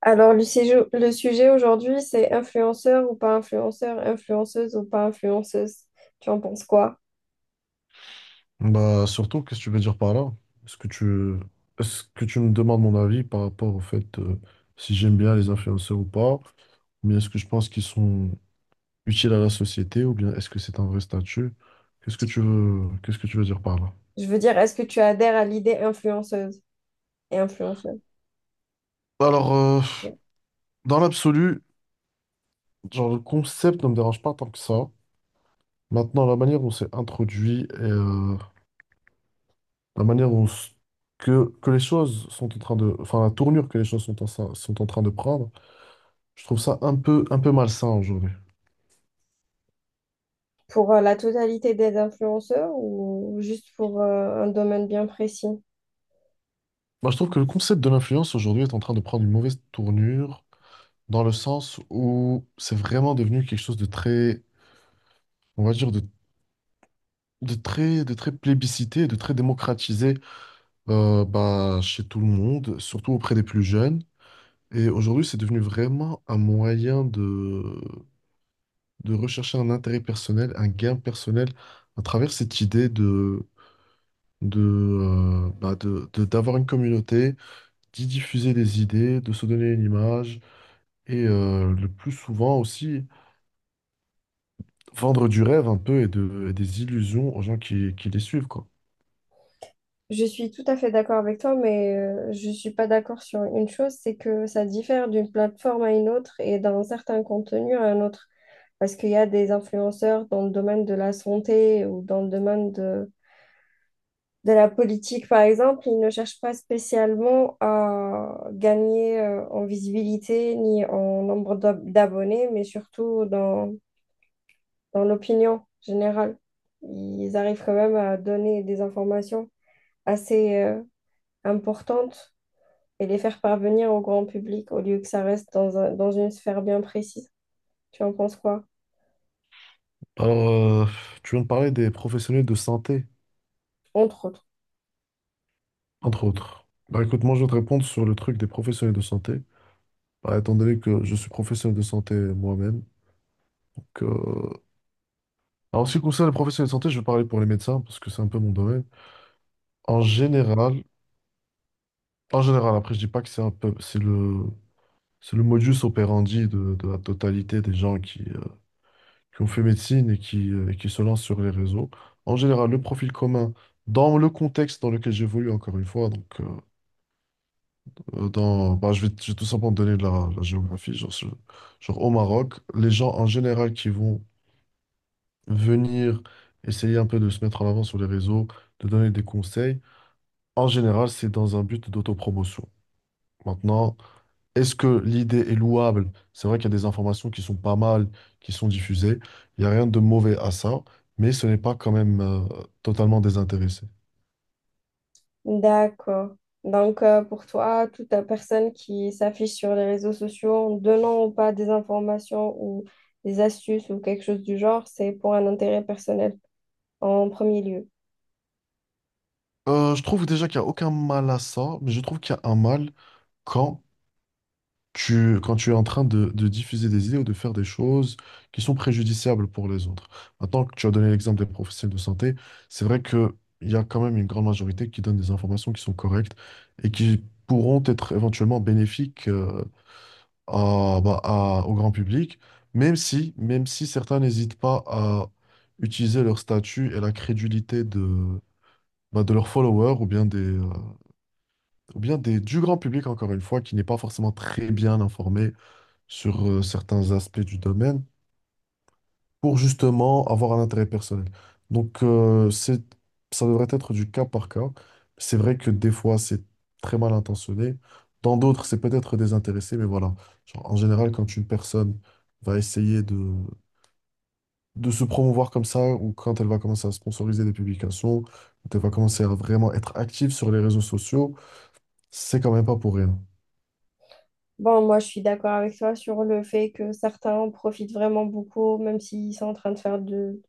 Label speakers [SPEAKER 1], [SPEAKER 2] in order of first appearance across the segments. [SPEAKER 1] Alors, le sujet aujourd'hui, c'est influenceur ou pas influenceur, influenceuse ou pas influenceuse. Tu en penses quoi?
[SPEAKER 2] Bah, surtout, qu'est-ce que tu veux dire par là? Est-ce que tu, Est-ce que tu me demandes mon avis par rapport au fait si j'aime bien les influenceurs ou pas? Mais est-ce que je pense qu'ils sont utiles à la société ou bien est-ce que c'est un vrai statut? Qu'est-ce que tu veux dire par là?
[SPEAKER 1] Je veux dire, est-ce que tu adhères à l'idée influenceuse? Et influenceuse.
[SPEAKER 2] Bah, alors,
[SPEAKER 1] Ouais.
[SPEAKER 2] dans l'absolu, genre le concept ne me dérange pas tant que ça. Maintenant, la manière dont c'est introduit et la manière dont s- que les choses sont en train de, enfin la tournure que les choses sont en train de prendre. Je trouve ça un peu malsain aujourd'hui.
[SPEAKER 1] Pour la totalité des influenceurs ou juste pour un domaine bien précis?
[SPEAKER 2] Moi, je trouve que le concept de l'influence aujourd'hui est en train de prendre une mauvaise tournure dans le sens où c'est vraiment devenu quelque chose de très, on va dire, de très, de très plébiscité, de très démocratisé, bah, chez tout le monde, surtout auprès des plus jeunes. Et aujourd'hui, c'est devenu vraiment un moyen de rechercher un intérêt personnel, un gain personnel à travers cette idée de, bah, de- d'avoir une communauté, d'y diffuser des idées, de se donner une image et le plus souvent aussi vendre du rêve un peu et des illusions aux gens qui les suivent, quoi.
[SPEAKER 1] Je suis tout à fait d'accord avec toi, mais je ne suis pas d'accord sur une chose, c'est que ça diffère d'une plateforme à une autre et d'un certain contenu à un autre. Parce qu'il y a des influenceurs dans le domaine de la santé ou dans le domaine de la politique, par exemple, ils ne cherchent pas spécialement à gagner en visibilité ni en nombre d'abonnés, mais surtout dans, dans l'opinion générale. Ils arrivent quand même à donner des informations assez importantes et les faire parvenir au grand public au lieu que ça reste dans dans une sphère bien précise. Tu en penses quoi?
[SPEAKER 2] Alors, euh, tu viens de parler des professionnels de santé,
[SPEAKER 1] Entre autres.
[SPEAKER 2] entre autres. Bah écoute, moi je vais te répondre sur le truc des professionnels de santé. Bah, étant donné que je suis professionnel de santé moi-même, donc, alors, en ce qui concerne les professionnels de santé, je vais parler pour les médecins parce que c'est un peu mon domaine. En général, En général, après je dis pas que c'est un peu, c'est le, c'est le modus operandi de la totalité des gens qui ont fait médecine et qui se lancent sur les réseaux. En général, le profil commun, dans le contexte dans lequel j'évolue, encore une fois, donc, dans, bah, je vais tout simplement donner de la géographie, genre au Maroc, les gens en général qui vont venir essayer un peu de se mettre en avant sur les réseaux, de donner des conseils, en général, c'est dans un but d'autopromotion. Maintenant, est-ce que l'idée est louable? C'est vrai qu'il y a des informations qui sont pas mal, qui sont diffusées. Il n'y a rien de mauvais à ça, mais ce n'est pas quand même totalement désintéressé.
[SPEAKER 1] D'accord. Donc, pour toi, toute personne qui s'affiche sur les réseaux sociaux en donnant ou pas des informations ou des astuces ou quelque chose du genre, c'est pour un intérêt personnel en premier lieu.
[SPEAKER 2] Je trouve déjà qu'il n'y a aucun mal à ça, mais je trouve qu'il y a un mal quand quand tu es en train de diffuser des idées ou de faire des choses qui sont préjudiciables pour les autres. Maintenant que tu as donné l'exemple des professionnels de santé, c'est vrai que il y a quand même une grande majorité qui donne des informations qui sont correctes et qui pourront être éventuellement bénéfiques, bah, au grand public, même si certains n'hésitent pas à utiliser leur statut et la crédulité bah, de leurs followers ou bien des, du grand public, encore une fois, qui n'est pas forcément très bien informé sur certains aspects du domaine pour justement avoir un intérêt personnel. Donc, ça devrait être du cas par cas. C'est vrai que des fois, c'est très mal intentionné. Dans d'autres, c'est peut-être désintéressé, mais voilà. Genre, en général, quand une personne va essayer de se promouvoir comme ça, ou quand elle va commencer à sponsoriser des publications, quand elle va commencer à vraiment être active sur les réseaux sociaux, c'est quand même pas pour rien.
[SPEAKER 1] Bon, moi, je suis d'accord avec toi sur le fait que certains en profitent vraiment beaucoup, même s'ils sont en train de faire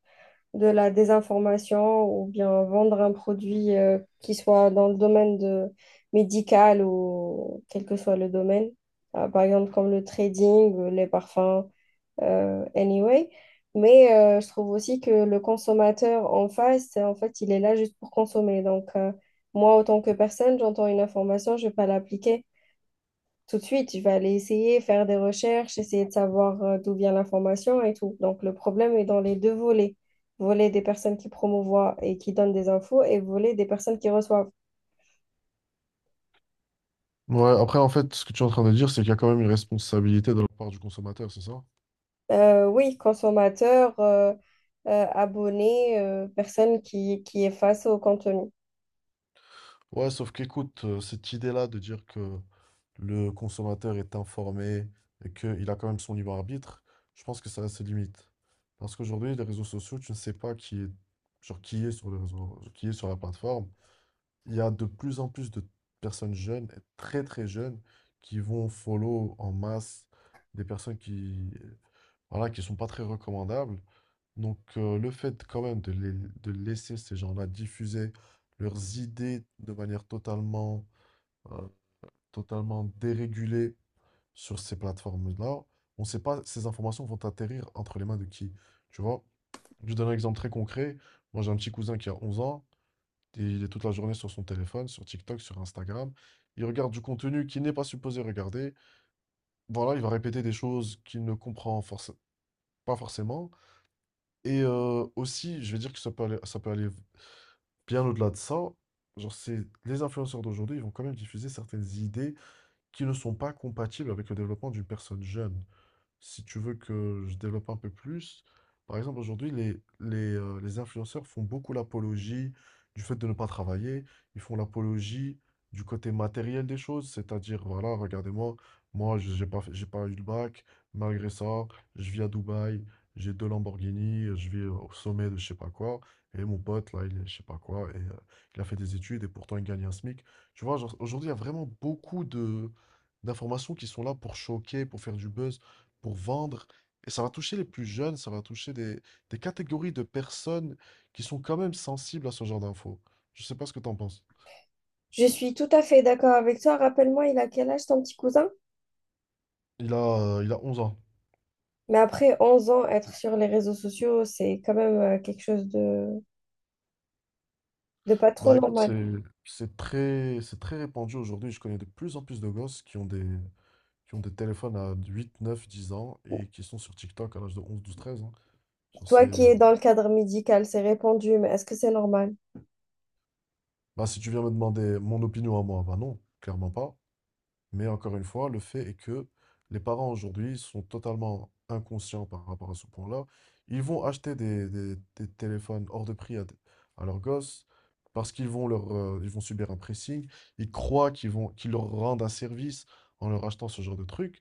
[SPEAKER 1] de la désinformation ou bien vendre un produit qui soit dans le domaine de médical ou quel que soit le domaine. Par exemple, comme le trading, les parfums. Anyway. Mais je trouve aussi que le consommateur en face, en fait, il est là juste pour consommer. Donc, moi, autant que personne, j'entends une information, je ne vais pas l'appliquer tout de suite. Je vais aller essayer, faire des recherches, essayer de savoir d'où vient l'information et tout. Donc, le problème est dans les deux volets. Volet des personnes qui promouvoient et qui donnent des infos et volet des personnes qui reçoivent.
[SPEAKER 2] Ouais, après, en fait, ce que tu es en train de dire, c'est qu'il y a quand même une responsabilité de la part du consommateur, c'est ça?
[SPEAKER 1] Oui, consommateur, abonné, personne qui est face au contenu.
[SPEAKER 2] Ouais, sauf qu'écoute, cette idée-là de dire que le consommateur est informé et qu'il a quand même son libre arbitre, je pense que ça a ses limites. Parce qu'aujourd'hui, les réseaux sociaux, tu ne sais pas qui est, genre, qui est sur les réseaux, qui est sur la plateforme. Il y a de plus en plus de personnes jeunes, et très très jeunes, qui vont follow en masse des personnes qui, voilà, qui sont pas très recommandables. Donc, le fait quand même de laisser ces gens-là diffuser leurs idées de manière euh, totalement dérégulée sur ces plateformes-là, on ne sait pas ces informations vont atterrir entre les mains de qui. Tu vois? Je te donne un exemple très concret. Moi, j'ai un petit cousin qui a 11 ans. Et il est toute la journée sur son téléphone, sur TikTok, sur Instagram. Il regarde du contenu qu'il n'est pas supposé regarder. Voilà, il va répéter des choses qu'il ne comprend forc- pas forcément. Et aussi, je vais dire que ça peut aller bien au-delà de ça. Genre, c'est les influenceurs d'aujourd'hui, ils vont quand même diffuser certaines idées qui ne sont pas compatibles avec le développement d'une personne jeune. Si tu veux que je développe un peu plus, par exemple, aujourd'hui, les influenceurs font beaucoup l'apologie du fait de ne pas travailler. Ils font l'apologie du côté matériel des choses, c'est-à-dire, voilà, regardez-moi, moi, j'ai pas eu le bac, malgré ça, je vis à Dubaï, j'ai deux Lamborghini, je vis au sommet de je sais pas quoi, et mon pote, là, il est je sais pas quoi, et il a fait des études, et pourtant, il gagne un SMIC. Tu vois, genre, aujourd'hui, il y a vraiment beaucoup de d'informations qui sont là pour choquer, pour faire du buzz, pour vendre. Et ça va toucher les plus jeunes, ça va toucher des catégories de personnes qui sont quand même sensibles à ce genre d'infos. Je sais pas ce que t'en penses.
[SPEAKER 1] Je suis tout à fait d'accord avec toi. Rappelle-moi, il a quel âge ton petit cousin?
[SPEAKER 2] Il a 11 ans.
[SPEAKER 1] Mais après 11 ans, être sur les réseaux sociaux, c'est quand même quelque chose de pas trop
[SPEAKER 2] Bah écoute,
[SPEAKER 1] normal.
[SPEAKER 2] c'est très répandu aujourd'hui. Je connais de plus en plus de gosses qui ont des téléphones à 8 9 10 ans et qui sont sur TikTok à l'âge de 11 12 13 ans. Genre c'est,
[SPEAKER 1] Toi
[SPEAKER 2] euh,
[SPEAKER 1] qui es dans le cadre médical, c'est répandu, mais est-ce que c'est normal?
[SPEAKER 2] Bah si tu viens me demander mon opinion à moi, bah non, clairement pas. Mais encore une fois, le fait est que les parents aujourd'hui sont totalement inconscients par rapport à ce point-là. Ils vont acheter des téléphones hors de prix à leurs gosses parce qu'ils vont ils vont subir un pressing. Ils croient qu'ils leur rendent un service en leur achetant ce genre de truc.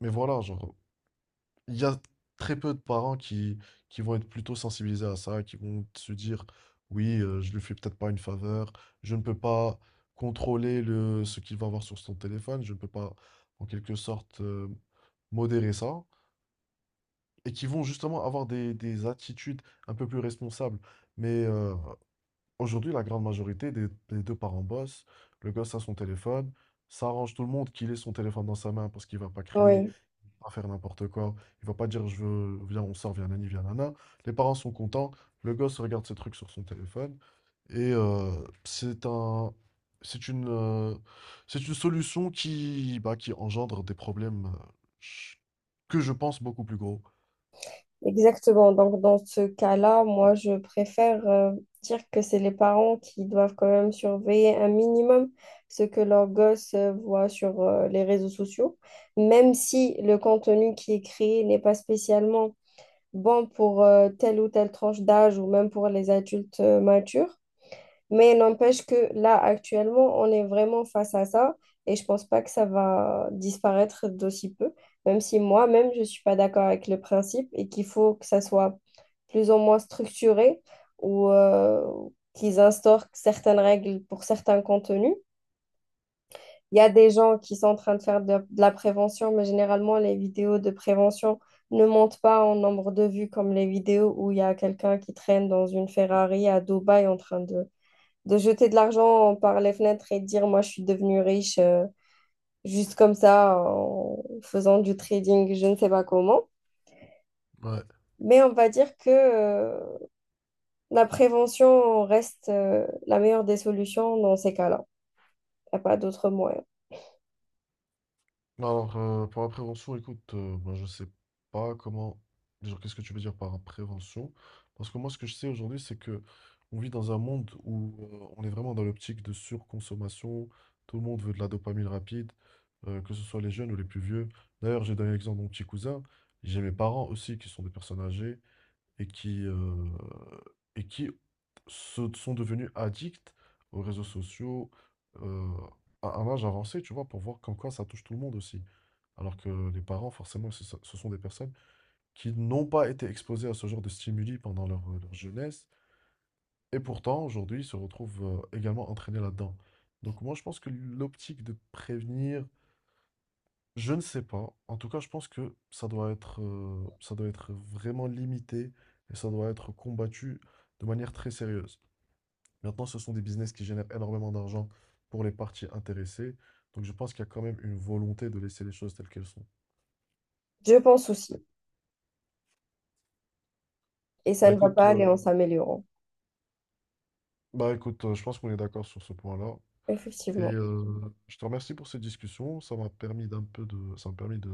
[SPEAKER 2] Mais voilà, genre, il y a très peu de parents qui vont être plutôt sensibilisés à ça, qui vont se dire: «Oui, je lui fais peut-être pas une faveur, je ne peux pas contrôler le ce qu'il va voir sur son téléphone, je ne peux pas en quelque sorte, modérer ça», et qui vont justement avoir des attitudes un peu plus responsables. Mais, aujourd'hui, la grande majorité des 2 parents bossent, le gosse a son téléphone, ça arrange tout le monde qu'il ait son téléphone dans sa main parce qu'il va pas crier,
[SPEAKER 1] Oui.
[SPEAKER 2] pas faire n'importe quoi. Il va pas dire je veux, viens, on sort, viens, nani, viens, nana. Les parents sont contents. Le gosse regarde ses trucs sur son téléphone. Et c'est un, c'est une, euh, c'est une solution qui, bah, qui engendre des problèmes, ch- que je pense beaucoup plus gros.
[SPEAKER 1] Exactement. Donc, dans ce cas-là, moi, je préfère dire que c'est les parents qui doivent quand même surveiller un minimum ce que leurs gosses voient sur les réseaux sociaux, même si le contenu qui est créé n'est pas spécialement bon pour telle ou telle tranche d'âge ou même pour les adultes matures. Mais n'empêche que là, actuellement, on est vraiment face à ça et je pense pas que ça va disparaître d'aussi peu, même si moi-même, je suis pas d'accord avec le principe et qu'il faut que ça soit plus ou moins structuré ou qu'ils instaurent certaines règles pour certains contenus. Il y a des gens qui sont en train de faire de la prévention, mais généralement, les vidéos de prévention ne montent pas en nombre de vues comme les vidéos où il y a quelqu'un qui traîne dans une Ferrari à Dubaï en train de jeter de l'argent par les fenêtres et de dire, moi, je suis devenue riche juste comme ça en faisant du trading, je ne sais pas comment.
[SPEAKER 2] Ouais.
[SPEAKER 1] Mais on va dire que la prévention reste la meilleure des solutions dans ces cas-là. Il n'y a pas d'autre moyen.
[SPEAKER 2] Alors, pour la prévention, écoute, moi, je sais pas comment. Genre, qu'est-ce que tu veux dire par prévention? Parce que moi, ce que je sais aujourd'hui, c'est que on vit dans un monde où on est vraiment dans l'optique de surconsommation. Tout le monde veut de la dopamine rapide, que ce soit les jeunes ou les plus vieux. D'ailleurs, j'ai donné l'exemple de mon petit cousin. J'ai mes parents aussi qui sont des personnes âgées et et qui se sont devenus addicts aux réseaux sociaux, euh, à un âge avancé, tu vois, pour voir comme quoi ça touche tout le monde aussi. Alors que les parents, forcément, ce sont des personnes qui n'ont pas été exposées à ce genre de stimuli pendant leur jeunesse, et pourtant, aujourd'hui, ils se retrouvent, également entraînés là-dedans. Donc moi, je pense que l'optique de prévenir, je ne sais pas. En tout cas, je pense que ça doit être vraiment limité et ça doit être combattu de manière très sérieuse. Maintenant, ce sont des business qui génèrent énormément d'argent pour les parties intéressées. Donc, je pense qu'il y a quand même une volonté de laisser les choses telles qu'elles sont.
[SPEAKER 1] Je pense aussi. Et ça
[SPEAKER 2] Bah
[SPEAKER 1] ne va
[SPEAKER 2] écoute,
[SPEAKER 1] pas aller
[SPEAKER 2] euh,
[SPEAKER 1] en s'améliorant.
[SPEAKER 2] bah écoute, je pense qu'on est d'accord sur ce point-là. Et
[SPEAKER 1] Effectivement.
[SPEAKER 2] je te remercie pour cette discussion. Ça m'a permis de,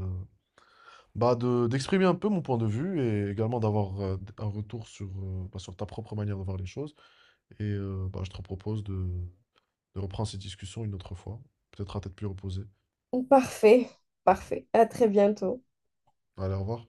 [SPEAKER 2] bah de, d'exprimer un peu mon point de vue et également d'avoir un retour sur ta propre manière de voir les choses. Et bah, je te propose de reprendre cette discussion une autre fois, peut-être à tête plus reposée.
[SPEAKER 1] Parfait, parfait. À très bientôt.
[SPEAKER 2] Allez, au revoir.